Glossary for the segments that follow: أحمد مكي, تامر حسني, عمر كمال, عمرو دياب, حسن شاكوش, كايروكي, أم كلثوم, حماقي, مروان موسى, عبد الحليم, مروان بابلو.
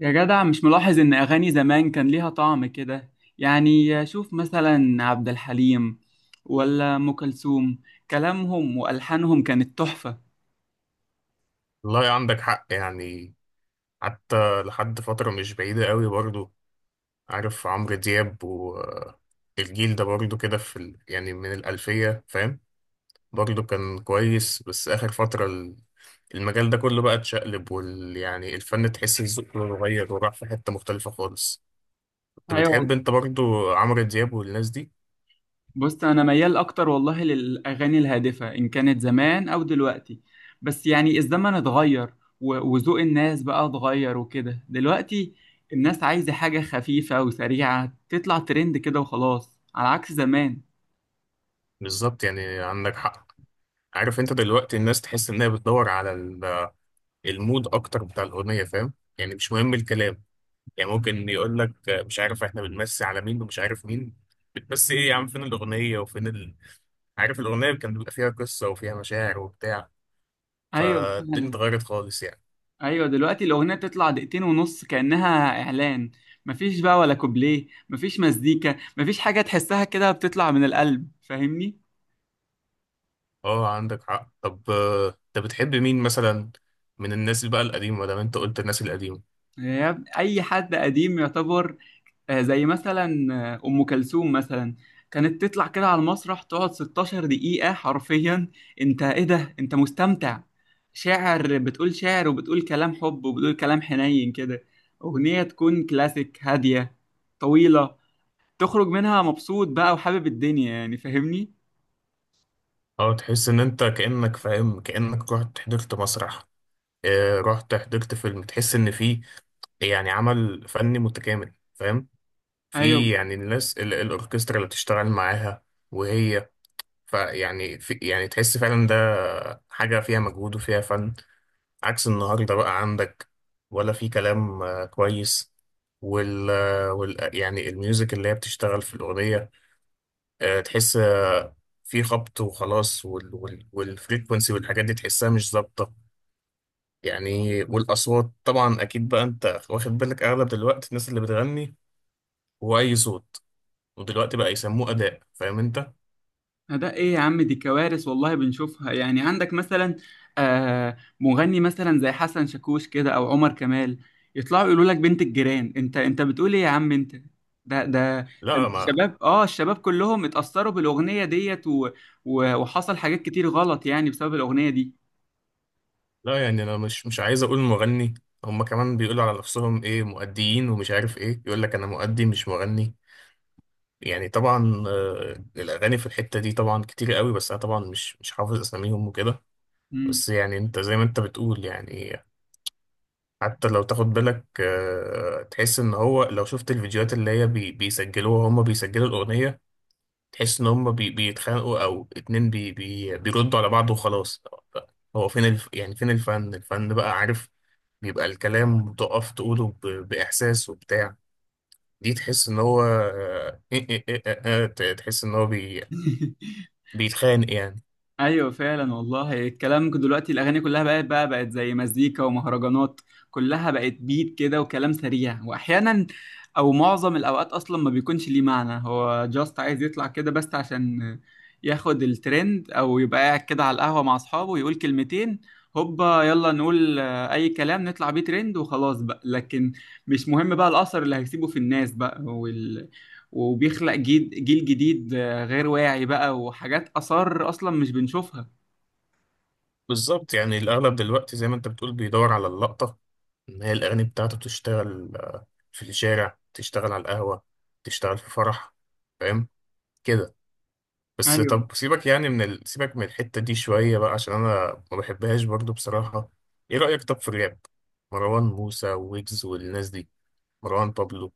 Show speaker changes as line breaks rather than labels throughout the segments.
يا جدع، مش ملاحظ إن أغاني زمان كان ليها طعم كده؟ يعني شوف مثلا عبد الحليم ولا أم كلثوم، كلامهم وألحانهم كانت تحفة.
والله عندك حق يعني. حتى لحد فترة مش بعيدة قوي برضو، عارف، عمرو دياب والجيل ده برضو كده في ال... يعني من الألفية، فاهم؟ برضو كان كويس، بس آخر فترة المجال ده كله بقى اتشقلب وال... يعني الفن تحس ذوقه اتغير وراح في حتة مختلفة خالص. كنت
أيوة
بتحب
والله.
انت برضو عمرو دياب والناس دي؟
بص، أنا ميال أكتر والله للأغاني الهادفة إن كانت زمان أو دلوقتي، بس يعني الزمن اتغير، وذوق الناس بقى اتغير وكده دلوقتي. الناس عايزة حاجة خفيفة وسريعة تطلع ترند كده وخلاص، على عكس زمان.
بالظبط، يعني عندك حق. عارف انت دلوقتي الناس تحس انها بتدور على المود اكتر بتاع الأغنية، فاهم؟ يعني مش مهم الكلام. يعني ممكن يقول لك مش عارف احنا بنمسي على مين ومش عارف مين. بتمسي ايه يا عم؟ فين الأغنية وفين عارف، الأغنية كان بيبقى فيها قصة وفيها مشاعر وبتاع.
أيوة
فالدنيا
فعلا.
اتغيرت خالص يعني.
ايوه، دلوقتي الاغنيه تطلع دقيقتين ونص كانها اعلان، مفيش بقى ولا كوبليه، مفيش مزيكا، مفيش حاجه تحسها كده بتطلع من القلب، فاهمني؟
اه عندك حق. طب انت بتحب مين مثلا من الناس اللي بقى القديمة ده؟ انت قلت الناس القديمة.
اي حد قديم يعتبر، زي مثلا ام كلثوم مثلا كانت تطلع كده على المسرح، تقعد 16 دقيقه حرفيا. انت ايه ده؟ انت مستمتع، شاعر، بتقول شعر وبتقول كلام حب وبتقول كلام حنين كده، اغنيه تكون كلاسيك هاديه طويله، تخرج منها مبسوط بقى وحابب الدنيا، يعني فاهمني؟
اه تحس ان انت كأنك فاهم، كأنك رحت حضرت مسرح، رحت حضرت فيلم. تحس ان في يعني عمل فني متكامل، فاهم؟ في
ايوه.
يعني الناس الأوركسترا اللي بتشتغل معاها وهي. فيعني في يعني تحس فعلا ده حاجة فيها مجهود وفيها فن. عكس النهاردة بقى عندك ولا في كلام. كويس. وال, آه، وال آه، يعني الميوزك اللي هي بتشتغل في الأغنية. تحس في خبط وخلاص والفريكونسي والحاجات دي تحسها مش ظابطة يعني. والأصوات طبعا أكيد بقى أنت واخد بالك أغلب دلوقتي الناس اللي بتغني هو أي صوت، ودلوقتي بقى يسموه أداء، فاهم أنت؟
ده ايه يا عم؟ دي كوارث والله بنشوفها، يعني عندك مثلا مغني مثلا زي حسن شاكوش كده او عمر كمال، يطلعوا يقولوا لك بنت الجيران، انت بتقول ايه يا عم انت؟ ده ده ده
لا
انت
ما
الشباب كلهم اتأثروا بالأغنية ديت، وحصل حاجات كتير غلط يعني بسبب الأغنية دي.
لا يعني انا مش عايز اقول مغني. هما كمان بيقولوا على نفسهم ايه؟ مؤديين ومش عارف ايه. يقول لك انا مؤدي مش مغني. يعني طبعا الاغاني في الحتة دي طبعا كتير قوي، بس انا طبعا مش حافظ اساميهم وكده.
مم.
بس يعني انت زي ما انت بتقول يعني، حتى لو تاخد بالك تحس ان هو لو شفت الفيديوهات اللي هي بيسجلوها، هما بيسجلوا الاغنية، تحس ان هما بيتخانقوا او اتنين بي بي بيردوا على بعض وخلاص. هو فين الف... يعني فين الفن بقى، عارف، بيبقى الكلام تقف تقوله بإحساس وبتاع. دي تحس إن هو آه، إيه إيه إيه آه، آه، ت- تحس إن هو بيتخانق يعني.
ايوه فعلا والله. الكلام دلوقتي الاغاني كلها بقت بقى زي مزيكا ومهرجانات، كلها بقت بيت كده وكلام سريع، واحيانا او معظم الاوقات اصلا ما بيكونش ليه معنى، هو جاست عايز يطلع كده بس عشان ياخد الترند، او يبقى قاعد كده على القهوه مع اصحابه يقول كلمتين هوبا، يلا نقول اي كلام نطلع بيه ترند وخلاص بقى. لكن مش مهم بقى الاثر اللي هيسيبه في الناس بقى، وبيخلق جيل جديد غير واعي بقى، وحاجات آثار أصلا مش بنشوفها.
بالظبط، يعني الأغلب دلوقتي زي ما أنت بتقول بيدور على اللقطة. إن هي الأغاني بتاعته بتشتغل، في الشارع، تشتغل على القهوة، تشتغل في فرح، فاهم كده. بس
أيوه.
طب سيبك يعني من سيبك من الحتة دي شوية بقى عشان أنا ما بحبهاش برضو بصراحة. إيه رأيك طب في الراب؟ مروان موسى، ويجز، والناس دي، مروان بابلو.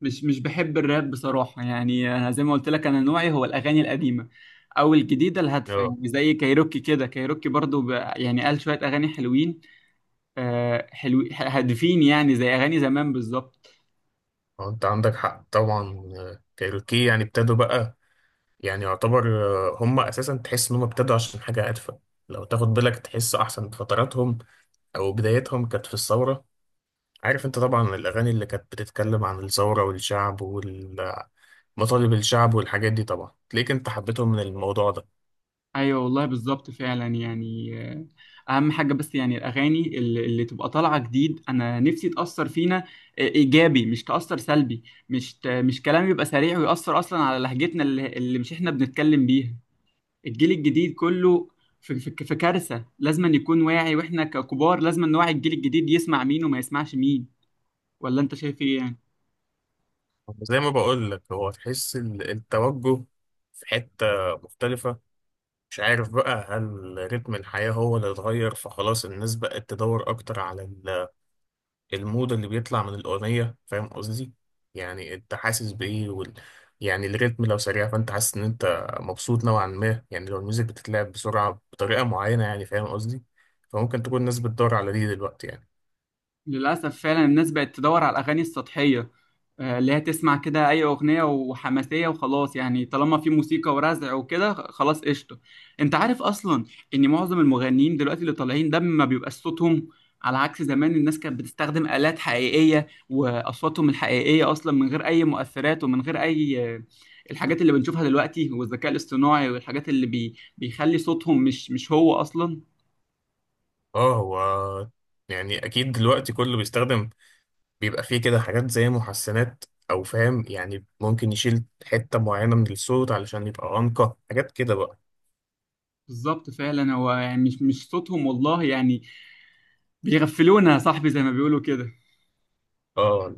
مش بحب الراب بصراحة، يعني أنا زي ما قلت لك أنا نوعي هو الأغاني القديمة أو الجديدة الهادفة،
اه
يعني زي كايروكي كده. كايروكي برضو يعني قال شوية أغاني حلوين، حلو هادفين، يعني زي أغاني زمان بالظبط.
اه انت عندك حق طبعا. كايروكي يعني ابتدوا بقى، يعني يعتبر هم اساسا تحس ان هم ابتدوا عشان حاجه هادفه. لو تاخد بالك تحس احسن فتراتهم او بدايتهم كانت في الثوره. عارف انت طبعا الاغاني اللي كانت بتتكلم عن الثوره والشعب والمطالب، الشعب والحاجات دي، طبعا تلاقيك انت حبيتهم من الموضوع ده.
ايوه والله بالظبط فعلا يعني، اهم حاجه. بس يعني الاغاني اللي تبقى طالعه جديد، انا نفسي تاثر فينا ايجابي، مش تاثر سلبي. مش كلام يبقى سريع ويأثر اصلا على لهجتنا اللي مش احنا بنتكلم بيها، الجيل الجديد كله. في كارثه، لازم أن يكون واعي، واحنا ككبار لازم أن نوعي الجيل الجديد يسمع مين وما يسمعش مين. ولا انت شايف ايه يعني؟
زي ما بقول لك، هو تحس التوجه في حته مختلفه. مش عارف بقى، هل رتم الحياه هو اللي اتغير فخلاص الناس بقت تدور اكتر على ال المود اللي بيطلع من الأغنية، فاهم قصدي؟ يعني أنت حاسس بإيه يعني الريتم لو سريع فأنت حاسس إن أنت مبسوط نوعا ما، يعني لو الميوزك بتتلعب بسرعة بطريقة معينة، يعني فاهم قصدي؟ فممكن تكون الناس بتدور على دي دلوقتي يعني.
للأسف فعلا الناس بقت تدور على الأغاني السطحية، اللي هي تسمع كده أي أغنية وحماسية وخلاص، يعني طالما في موسيقى ورزع وكده خلاص قشطة. أنت عارف أصلا إن معظم المغنيين دلوقتي اللي طالعين ده ما بيبقاش صوتهم، على عكس زمان. الناس كانت بتستخدم آلات حقيقية وأصواتهم الحقيقية أصلا، من غير أي مؤثرات ومن غير أي الحاجات اللي بنشوفها دلوقتي والذكاء الاصطناعي، والحاجات اللي بيخلي صوتهم مش هو أصلا.
آه هو يعني أكيد دلوقتي كله بيستخدم، بيبقى فيه كده حاجات زي محسنات أو فاهم يعني، ممكن يشيل حتة معينة من الصوت علشان يبقى أنقى، حاجات كده بقى.
بالظبط فعلا. هو يعني مش صوتهم والله يعني، بيغفلونا يا صاحبي زي ما بيقولوا كده.
آه.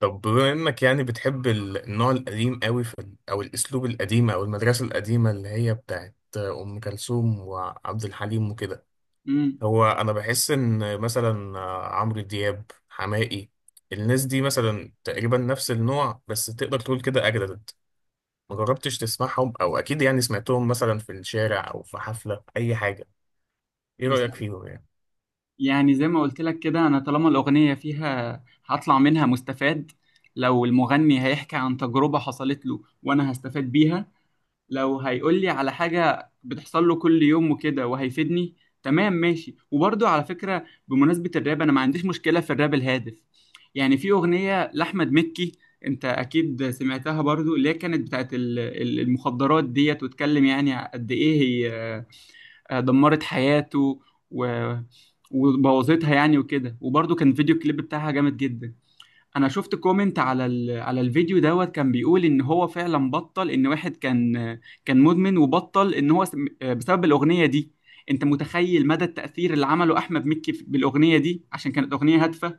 طب بما انك يعني بتحب النوع القديم قوي في او الاسلوب القديم او المدرسه القديمه اللي هي بتاعت ام كلثوم وعبد الحليم وكده،
امم
هو انا بحس ان مثلا عمرو دياب، حماقي، الناس دي مثلا تقريبا نفس النوع بس تقدر تقول كده اجدد. ما جربتش تسمعهم؟ او اكيد يعني سمعتهم مثلا في الشارع او في حفله اي حاجه. ايه
بس
رايك فيهم يعني؟
يعني زي ما قلت لك كده، انا طالما الاغنيه فيها هطلع منها مستفاد، لو المغني هيحكي عن تجربه حصلت له وانا هستفاد بيها، لو هيقول لي على حاجه بتحصل له كل يوم وكده وهيفيدني، تمام ماشي. وبرضه على فكره بمناسبه الراب، انا ما عنديش مشكله في الراب الهادف، يعني في اغنيه لاحمد مكي، انت اكيد سمعتها برضو، اللي هي كانت بتاعت المخدرات ديت، واتكلم يعني قد ايه هي دمرت حياته، و... وبوظتها يعني وكده. وبرضه كان الفيديو كليب بتاعها جامد جدا. انا شفت كومنت على الفيديو دوت، كان بيقول ان هو فعلا بطل ان واحد كان كان مدمن، وبطل ان هو بسبب الاغنية دي. انت متخيل مدى التأثير اللي عمله احمد مكي بالاغنية دي عشان كانت اغنية هادفة؟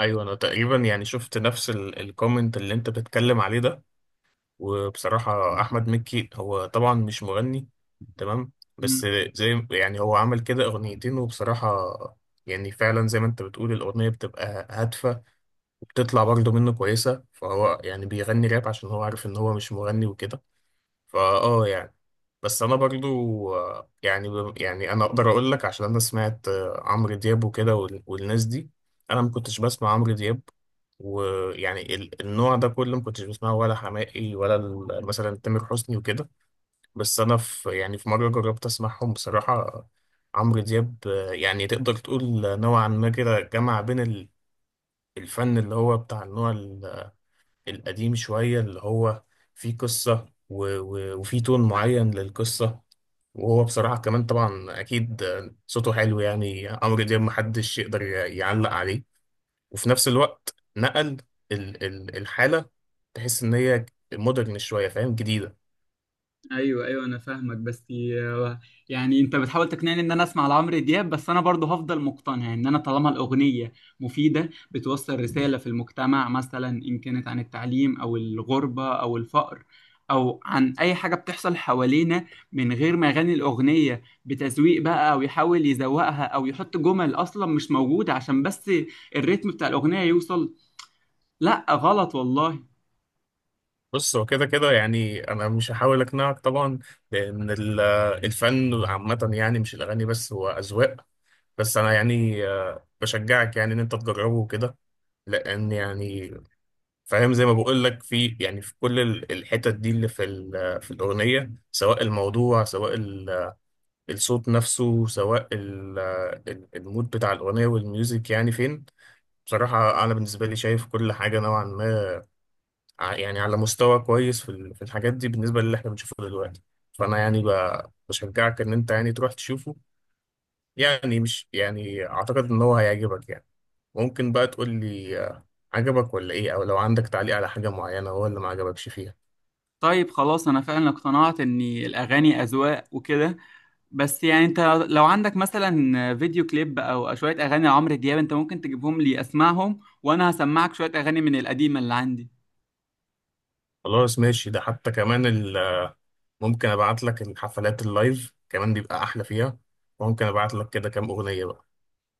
ايوه انا تقريبا يعني شفت نفس الكومنت اللي انت بتتكلم عليه ده. وبصراحة أحمد مكي هو طبعا مش مغني، تمام؟ بس زي يعني هو عمل كده أغنيتين، وبصراحة يعني فعلا زي ما أنت بتقول الأغنية بتبقى هادفة وبتطلع برضه منه كويسة، فهو يعني بيغني راب عشان هو عارف إن هو مش مغني وكده، فاه يعني. بس انا برضو يعني انا اقدر اقول لك عشان انا سمعت عمرو دياب وكده والناس دي. انا ما كنتش بسمع عمرو دياب، ويعني النوع ده كله ما كنتش بسمعه، ولا حماقي، ولا مثلا تامر حسني وكده. بس انا في يعني في مره جربت اسمعهم بصراحه. عمرو دياب، يعني تقدر تقول نوعا ما كده جمع بين الفن اللي هو بتاع النوع القديم شوية اللي هو فيه قصة وفيه تون معين للقصة. وهو بصراحة كمان طبعا أكيد صوته حلو، يعني عمرو دياب محدش يقدر يعلق عليه. وفي نفس الوقت نقل الحالة، تحس إن هي مودرن شوية، فاهم؟ جديدة.
ايوه ايوه انا فاهمك. بس يعني انت بتحاول تقنعني ان انا اسمع لعمرو دياب، بس انا برضه هفضل مقتنع ان انا طالما الاغنيه مفيده بتوصل رساله في المجتمع، مثلا ان كانت عن التعليم او الغربه او الفقر، او عن اي حاجه بتحصل حوالينا، من غير ما يغني الاغنيه بتزويق بقى او يحاول يزوقها او يحط جمل اصلا مش موجوده عشان بس الريتم بتاع الاغنيه يوصل. لا غلط والله.
بص هو كده كده يعني أنا مش هحاول أقنعك طبعا، لأن الفن عامة يعني مش الأغاني بس، هو أذواق. بس أنا يعني بشجعك يعني إن أنت تجربه وكده، لأن يعني فاهم زي ما بقول لك، في يعني في كل الحتت دي اللي في في الأغنية، سواء الموضوع، سواء الصوت نفسه، سواء المود بتاع الأغنية والميوزك يعني فين. بصراحة أنا بالنسبة لي شايف كل حاجة نوعا ما يعني على مستوى كويس في في الحاجات دي بالنسبة للي احنا بنشوفه دلوقتي. فأنا يعني بشجعك إن أنت يعني تروح تشوفه، يعني مش يعني أعتقد إن هو هيعجبك يعني. ممكن بقى تقول لي عجبك ولا إيه، أو لو عندك تعليق على حاجة معينة هو اللي ما عجبكش فيها.
طيب خلاص، انا فعلا اقتنعت ان الاغاني اذواق وكده، بس يعني انت لو عندك مثلا فيديو كليب او شوية اغاني لعمرو دياب، انت ممكن تجيبهم لي اسمعهم، وانا هسمعك شوية اغاني من القديمة اللي عندي.
خلاص ماشي، ده حتى كمان ممكن ابعت لك الحفلات اللايف كمان بيبقى احلى فيها، وممكن ابعت لك كده كام اغنية بقى.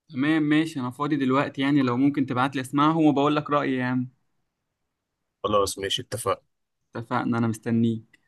تمام ماشي. انا فاضي دلوقتي، يعني لو ممكن تبعت لي اسمعهم وبقول لك رأيي يعني.
خلاص ماشي اتفقنا.
اتفقنا. انا مستنيك.